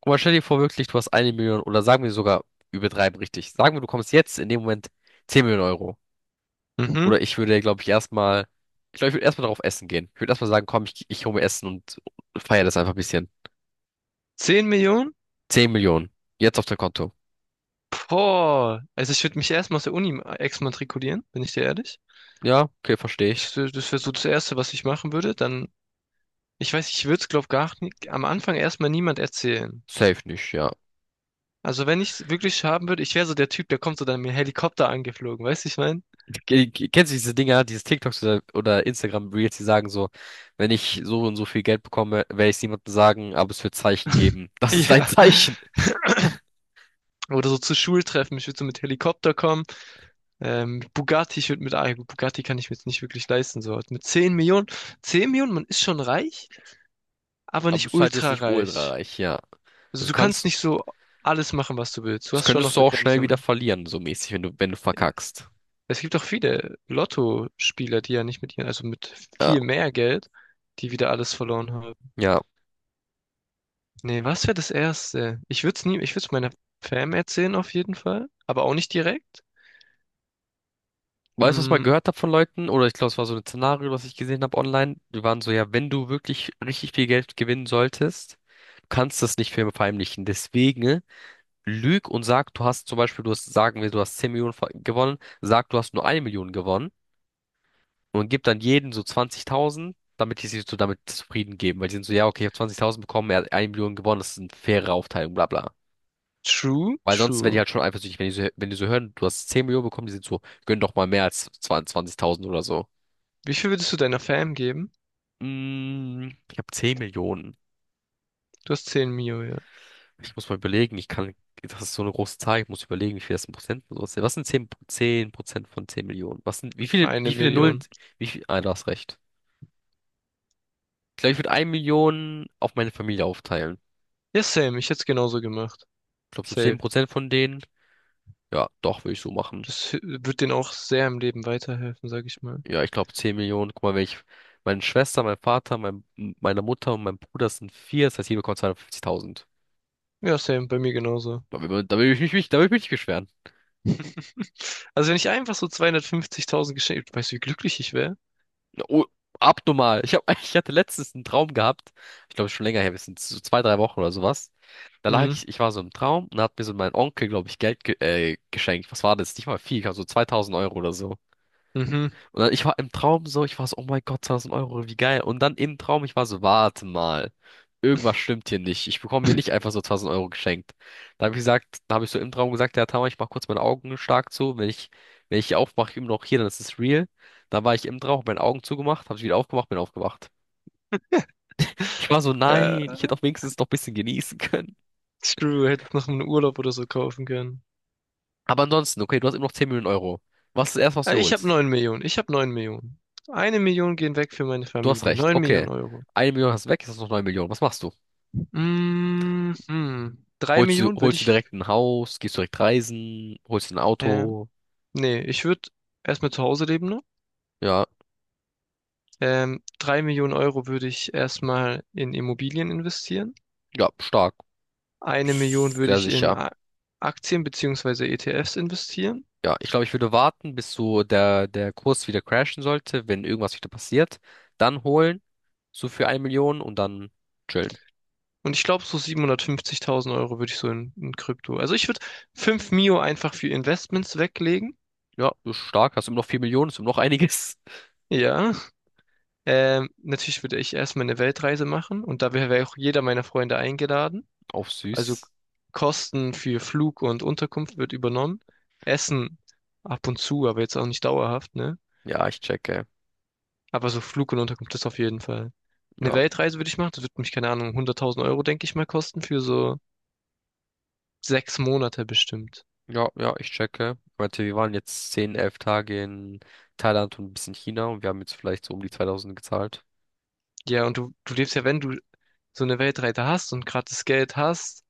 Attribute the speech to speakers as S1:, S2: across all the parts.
S1: Aber stell dir vor, wirklich, du hast eine Million oder sagen wir sogar, übertreiben richtig. Sagen wir, du kommst jetzt in dem Moment 10 Millionen Euro.
S2: Mhm.
S1: Oder ich würde, glaube ich, erstmal, ich glaube, ich würde erstmal darauf essen gehen. Ich würde erstmal sagen, komm, ich hole mir Essen und feiere das einfach ein bisschen.
S2: Zehn Millionen?
S1: 10 Millionen. Jetzt auf dein Konto.
S2: Boah. Also ich würde mich erstmal aus der Uni exmatrikulieren, bin ich dir ehrlich.
S1: Ja, okay, verstehe ich.
S2: Das wäre so das Erste, was ich machen würde. Dann, ich weiß, ich würde es, glaube ich, gar nicht am Anfang erstmal niemand erzählen.
S1: Safe nicht, ja.
S2: Also wenn ich es wirklich haben würde, ich wäre so der Typ, der kommt so dann mit dem Helikopter angeflogen, weißt du, ich mein?
S1: Kennst du diese Dinger, diese TikToks oder Instagram-Reels, die sagen so, wenn ich so und so viel Geld bekomme, werde ich es niemandem sagen, aber es wird Zeichen geben. Das ist dein
S2: Ja.
S1: Zeichen.
S2: Oder so zu Schultreffen, ich würde so mit Helikopter kommen. Mit Bugatti, ich würde mit, ja gut, Bugatti kann ich mir jetzt nicht wirklich leisten, so. Mit 10 Millionen, man ist schon reich, aber
S1: Aber
S2: nicht
S1: es ist halt jetzt
S2: ultra
S1: nicht ultra
S2: reich.
S1: reich, ja.
S2: Also
S1: Also
S2: du kannst
S1: kannst
S2: nicht so alles machen, was du willst. Du
S1: Das
S2: hast schon noch
S1: könntest du auch schnell wieder
S2: Begrenzungen.
S1: verlieren, so mäßig, wenn du,
S2: Ja.
S1: verkackst.
S2: Es gibt auch viele Lottospieler, die ja nicht mit ihren, also mit
S1: Ja,
S2: viel mehr Geld, die wieder alles verloren haben.
S1: ja.
S2: Nee, was wäre das Erste? Ich würde es nie, Ich würde es meiner Fam erzählen auf jeden Fall, aber auch nicht direkt.
S1: Weißt du, was ich mal
S2: Mm,
S1: gehört habe von Leuten? Oder ich glaube, es war so ein Szenario, was ich gesehen habe online. Die waren so, ja, wenn du wirklich richtig viel Geld gewinnen solltest, du kannst das nicht verheimlichen. Deswegen lüg und sag, du hast zum Beispiel, du hast, sagen wir, du hast 10 Millionen gewonnen, sag, du hast nur eine Million gewonnen und gib dann jedem so 20.000, damit die sich so damit zufrieden geben. Weil die sind so, ja, okay, ich habe 20.000 bekommen, er hat eine Million gewonnen, das ist eine faire Aufteilung, bla bla.
S2: true,
S1: Weil sonst werden die
S2: true.
S1: halt schon eifersüchtig, wenn die so hören, du hast 10 Millionen bekommen, die sind so, gönn doch mal mehr als 20.000 oder so.
S2: Wie viel würdest du deiner Fam geben?
S1: Ich habe 10 Millionen.
S2: Du hast 10 Mio, ja.
S1: Ich muss mal überlegen, das ist so eine große Zahl, ich muss überlegen, wie viel das in Prozent und sowas sind. Was sind 10 10% von 10 Millionen? Was sind, wie viele,
S2: Eine
S1: wie viele Nullen,
S2: Million.
S1: du hast recht. Ich glaube, ich würde 1 Million auf meine Familie aufteilen.
S2: Ja, same. Ich hätte es genauso gemacht.
S1: Ich glaube, so 10
S2: Safe.
S1: Prozent von denen, ja, doch, würde ich so machen.
S2: Wird denen auch sehr im Leben weiterhelfen, sag ich mal.
S1: Ja, ich glaube 10 Millionen. Guck mal, wenn ich, meine Schwester, mein Vater, meine Mutter und mein Bruder sind vier, das heißt, jeder bekommt 250.000.
S2: Ja, same. Bei mir genauso.
S1: Da will ich mich nicht beschweren.
S2: Also wenn ich einfach so 250.000 geschenkt, weißt du, wie glücklich ich wäre?
S1: Oh, abnormal. Ich hab, ich hatte letztens einen Traum gehabt. Ich glaube, schon länger her, wir sind so zwei, drei Wochen oder sowas.
S2: Mhm.
S1: Ich war so im Traum und da hat mir so mein Onkel, glaube ich, Geld ge geschenkt. Was war das? Nicht mal viel, ich glaub, so 2000 Euro oder so.
S2: Mhm.
S1: Und dann, ich war im Traum so, ich war so, oh mein Gott, 2000 Euro, wie geil. Und dann im Traum, ich war so, warte mal, irgendwas stimmt hier nicht. Ich bekomme mir nicht einfach so 1000 Euro geschenkt. Da habe ich so im Traum gesagt, ja, Tama, ich mache kurz meine Augen stark zu. Wenn ich aufmache, immer noch hier, dann ist es real. Da war ich im Traum, hab meine Augen zugemacht, habe ich wieder aufgemacht, bin aufgewacht. Ich war so,
S2: Äh,
S1: nein, ich hätte auch wenigstens noch ein bisschen genießen können.
S2: Screw, hätte ich noch einen Urlaub oder so kaufen können.
S1: Aber ansonsten, okay, du hast immer noch 10 Millionen Euro. Was ist das Erste, was du
S2: Ich habe
S1: holst?
S2: neun Millionen. Ich habe 9 Millionen. Eine Million gehen weg für meine
S1: Du hast
S2: Familie.
S1: recht,
S2: 9
S1: okay.
S2: Millionen Euro.
S1: Eine Million hast du weg, jetzt hast du noch 9 Millionen. Was machst du?
S2: Mhm. 3
S1: Holst du,
S2: Millionen würde
S1: holst du
S2: ich.
S1: direkt ein Haus, gehst direkt reisen, holst ein
S2: Ähm,
S1: Auto.
S2: Ich würde erstmal zu Hause leben noch.
S1: Ja,
S2: 3 Millionen Euro würde ich erstmal in Immobilien investieren.
S1: ja, stark.
S2: Eine Million würde
S1: Sehr
S2: ich in
S1: sicher.
S2: Aktien beziehungsweise ETFs investieren.
S1: Ja, ich glaube, ich würde warten, bis so der Kurs wieder crashen sollte, wenn irgendwas wieder passiert. Dann holen, so für eine Million und dann chillen.
S2: Und ich glaube, so 750.000 Euro würde ich so in Krypto. Also ich würde 5 Mio einfach für Investments weglegen.
S1: Ja, ist stark. Hast immer noch 4 Millionen, ist immer noch einiges.
S2: Ja. Natürlich würde ich erstmal eine Weltreise machen und da wäre wär auch jeder meiner Freunde eingeladen.
S1: Auf
S2: Also
S1: süß.
S2: Kosten für Flug und Unterkunft wird übernommen. Essen ab und zu, aber jetzt auch nicht dauerhaft, ne?
S1: Ja, ich checke.
S2: Aber so Flug und Unterkunft ist auf jeden Fall. Eine
S1: Ja,
S2: Weltreise würde ich machen. Das wird mich, keine Ahnung, 100.000 Euro, denke ich mal, kosten für so sechs Monate bestimmt.
S1: ja, ja, ich checke. Ich meinte, wir waren jetzt 10 11 Tage in Thailand und ein bisschen China und wir haben jetzt vielleicht so um die 2000 gezahlt.
S2: Ja, und du lebst ja, wenn du so eine Weltreise hast und gerade das Geld hast,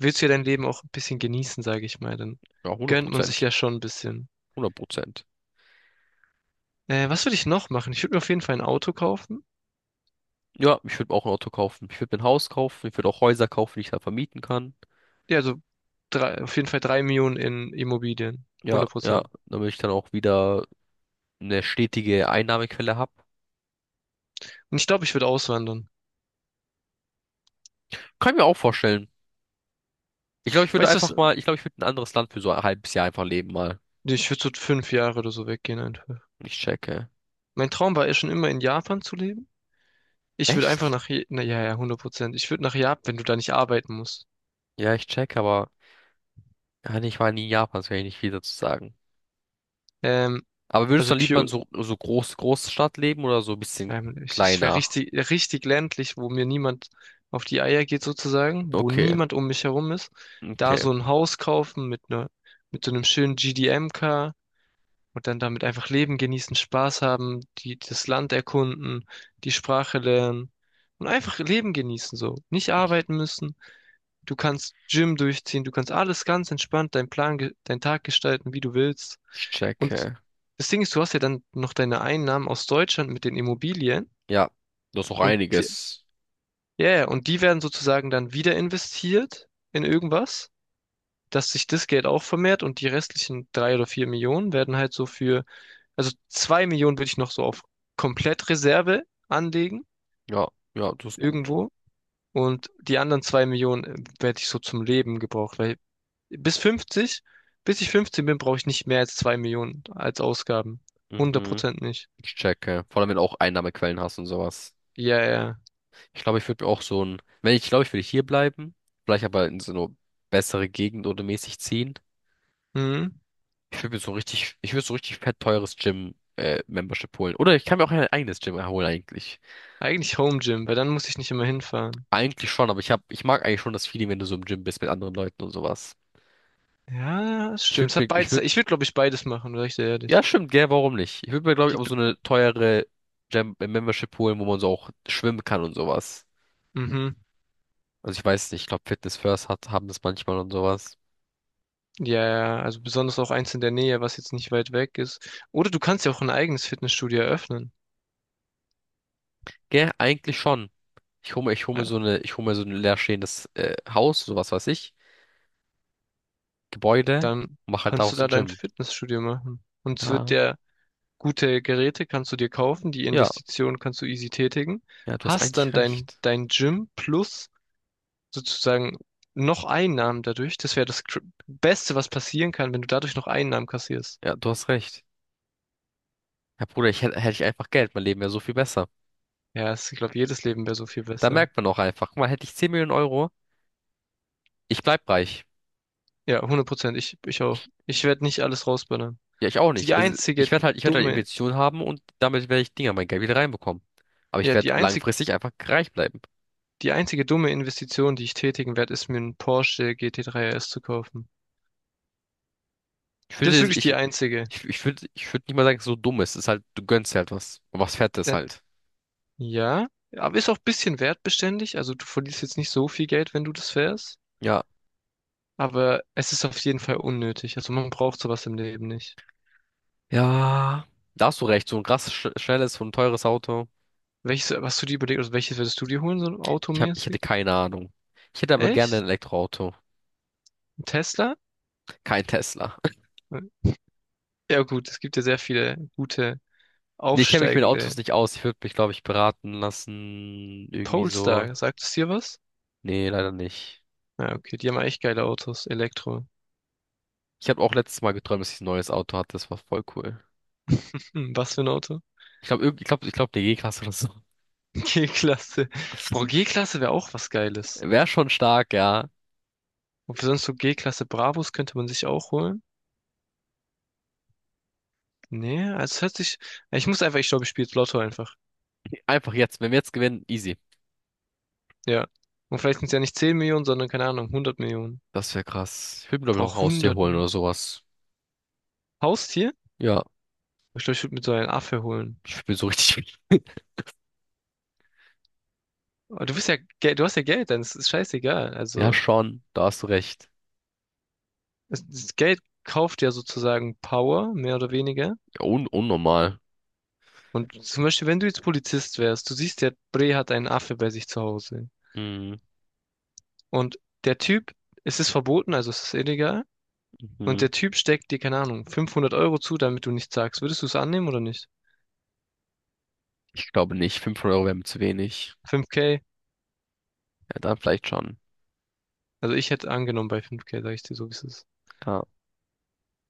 S2: willst du ja dein Leben auch ein bisschen genießen, sage ich mal. Dann
S1: Ja, hundert
S2: gönnt man sich
S1: Prozent.
S2: ja schon ein bisschen.
S1: Hundert Prozent.
S2: Was würde ich noch machen? Ich würde mir auf jeden Fall ein Auto kaufen.
S1: Ja, ich würde auch ein Auto kaufen. Ich würde mir ein Haus kaufen. Ich würde auch Häuser kaufen, die ich dann vermieten kann.
S2: Ja, also auf jeden Fall drei Millionen in Immobilien.
S1: Ja,
S2: 100
S1: ja,
S2: Prozent.
S1: damit ich dann auch wieder eine stetige Einnahmequelle habe.
S2: Und ich glaube, ich würde auswandern.
S1: Kann ich mir auch vorstellen. Ich glaube, ich würde
S2: Weißt du was?
S1: einfach mal, ich glaube, ich würde ein anderes Land für so ein halbes Jahr einfach leben mal.
S2: Nee, ich würde so fünf Jahre oder so weggehen einfach.
S1: Ich checke.
S2: Mein Traum war ja schon immer in Japan zu leben. Ich würde einfach
S1: Echt?
S2: nach, Je- na ja, Ja, 100%. Ich würde nach Japan, wenn du da nicht arbeiten musst.
S1: Ja, ich checke, aber ja, nee, ich war nie in Japan, das kann ich nicht viel dazu sagen.
S2: Ähm,
S1: Aber würdest
S2: also
S1: du dann lieber in
S2: Kyoto.
S1: so Großstadt leben oder so ein bisschen
S2: Ich wäre
S1: kleiner?
S2: richtig, richtig ländlich, wo mir niemand auf die Eier geht sozusagen, wo
S1: Okay,
S2: niemand um mich herum ist. Da
S1: okay.
S2: so ein Haus kaufen mit ne, mit so einem schönen GDM-Car und dann damit einfach leben, genießen, Spaß haben, das Land erkunden, die Sprache lernen und einfach Leben genießen so. Nicht
S1: Ich,
S2: arbeiten müssen. Du kannst Gym durchziehen, du kannst alles ganz entspannt, deinen Tag gestalten, wie du willst.
S1: ich
S2: Und
S1: checke.
S2: das Ding ist, du hast ja dann noch deine Einnahmen aus Deutschland mit den Immobilien.
S1: Ja, das ist auch
S2: Und die,
S1: einiges.
S2: ja, ja, und die werden sozusagen dann wieder investiert in irgendwas, dass sich das Geld auch vermehrt, und die restlichen drei oder vier Millionen werden halt so für, also zwei Millionen würde ich noch so auf Komplettreserve anlegen,
S1: Ja, ja, das ist gut.
S2: irgendwo. Und die anderen zwei Millionen werde ich so zum Leben gebraucht, weil bis 50, bis ich 15 bin, brauche ich nicht mehr als zwei Millionen als Ausgaben.
S1: Mhm.
S2: 100% nicht.
S1: Ich checke. Vor allem, wenn du auch Einnahmequellen hast und sowas.
S2: Ja, ja.
S1: Ich glaube, ich würde mir auch so ein, wenn ich glaube, ich würde hier bleiben, vielleicht aber in so eine bessere Gegend oder mäßig ziehen.
S2: Hm?
S1: Ich würde so richtig fett teures Gym, Membership holen. Oder ich kann mir auch ein eigenes Gym holen eigentlich.
S2: Eigentlich Home Gym, weil dann muss ich nicht immer hinfahren.
S1: Eigentlich schon, aber ich mag eigentlich schon das Feeling, wenn du so im Gym bist mit anderen Leuten und sowas.
S2: Ja, das
S1: Ich
S2: stimmt.
S1: würde
S2: Es hat
S1: mir, ich
S2: beides.
S1: würde,
S2: Ich würde, glaube ich, beides machen, sag ich dir
S1: Ja,
S2: ehrlich.
S1: stimmt, gell, warum nicht? Ich würde mir, glaube ich,
S2: Die,
S1: auch so eine teure Gym, Membership holen, wo man so auch schwimmen kann und sowas.
S2: mhm.
S1: Also ich weiß nicht, ich glaube Fitness First haben das manchmal und sowas.
S2: Ja. Also besonders auch eins in der Nähe, was jetzt nicht weit weg ist. Oder du kannst ja auch ein eigenes Fitnessstudio eröffnen.
S1: Gell, eigentlich schon.
S2: Ja,
S1: Ich hole mir so ein leerstehendes Haus, sowas weiß ich, Gebäude
S2: dann
S1: und mache halt
S2: kannst du
S1: daraus ein
S2: da dein
S1: Gym.
S2: Fitnessstudio machen. Und es wird
S1: Ja,
S2: dir gute Geräte kannst du dir kaufen, die
S1: ja,
S2: Investition kannst du easy tätigen.
S1: ja, du hast
S2: Hast
S1: eigentlich
S2: dann dein,
S1: recht.
S2: dein Gym plus sozusagen noch Einnahmen dadurch. Das wäre das Beste, was passieren kann, wenn du dadurch noch Einnahmen kassierst.
S1: Ja, du hast recht. Ja, Bruder, hätte ich einfach Geld, mein Leben wäre so viel besser.
S2: Ich glaube, jedes Leben wäre so viel
S1: Da
S2: besser.
S1: merkt man auch einfach, guck mal, hätte ich 10 Millionen Euro, ich bleib reich.
S2: Ja, hundert Prozent. Ich auch.
S1: Ich,
S2: Ich werde nicht alles rausballern.
S1: ja, ich auch
S2: Die
S1: nicht. Also, ich
S2: einzige
S1: werde halt, ich werde halt
S2: dumme,
S1: Investitionen haben und damit werde ich Dinger mein Geld wieder reinbekommen. Aber ich
S2: ja,
S1: werde
S2: die einzig,
S1: langfristig einfach reich bleiben.
S2: Die einzige dumme Investition, die ich tätigen werde, ist mir einen Porsche GT3 RS zu kaufen.
S1: Ich
S2: Das ist
S1: würde,
S2: wirklich die
S1: ich,
S2: einzige.
S1: ich, ich würde nicht mal sagen, dass es so dumm ist. Es ist halt, du gönnst dir halt was. Und was Fettes halt.
S2: Ja, ja, aber ist auch ein bisschen wertbeständig. Also du verlierst jetzt nicht so viel Geld, wenn du das fährst.
S1: Ja.
S2: Aber es ist auf jeden Fall unnötig. Also man braucht sowas im Leben nicht.
S1: Ja. Da hast du recht. So ein krass schnelles und teures Auto.
S2: Welches, hast du dir überlegt, also welches würdest du dir holen, so
S1: Ich hätte
S2: automäßig?
S1: keine Ahnung. Ich hätte aber gerne ein
S2: Echt?
S1: Elektroauto.
S2: Ein Tesla?
S1: Kein Tesla.
S2: Ja gut, es gibt ja sehr viele gute
S1: Nee, ich kenne mich mit
S2: aufsteigende
S1: Autos nicht aus. Ich würde mich, glaube ich, beraten lassen. Irgendwie so.
S2: Polestar, sagt es dir was?
S1: Nee, leider nicht.
S2: Ja, okay, die haben echt geile Autos. Elektro.
S1: Ich habe auch letztes Mal geträumt, dass ich ein neues Auto hatte. Das war voll cool.
S2: Hm, was für ein Auto?
S1: Ich glaube, eine G-Klasse oder so.
S2: G-Klasse. Boah, G-Klasse wäre auch was Geiles.
S1: Wäre schon stark, ja.
S2: Ob wir sonst so G-Klasse Bravos könnte man sich auch holen? Nee, also es hört sich. Ich muss einfach, ich glaube, ich spiele jetzt Lotto einfach.
S1: Einfach jetzt. Wenn wir jetzt gewinnen, easy.
S2: Ja. Und vielleicht sind es ja nicht 10 Millionen, sondern keine Ahnung, hundert Millionen.
S1: Das wäre krass. Ich würde mir, glaube ich, noch ein
S2: Brauch
S1: Haustier
S2: hundert
S1: holen
S2: Millionen.
S1: oder sowas.
S2: Haustier?
S1: Ja,
S2: Ich glaube, ich würde mir so einen Affe holen.
S1: ich bin so richtig.
S2: Aber du bist ja, du hast ja Geld, dann ist es scheißegal.
S1: Ja,
S2: Also,
S1: schon, da hast du recht.
S2: das Geld kauft ja sozusagen Power, mehr oder weniger.
S1: Ja, un unnormal.
S2: Und zum Beispiel, wenn du jetzt Polizist wärst, du siehst, der Bre hat einen Affe bei sich zu Hause.
S1: Mhm.
S2: Und der Typ, es ist verboten, also es ist illegal. Und
S1: Mhm.
S2: der Typ steckt dir, keine Ahnung, 500 Euro zu, damit du nichts sagst. Würdest du es annehmen oder nicht?
S1: Ich glaube nicht. 500 Euro wären mir zu wenig.
S2: 5K?
S1: Ja, dann vielleicht schon.
S2: Also ich hätte angenommen bei 5K, sag ich dir so, wie es ist.
S1: Ja.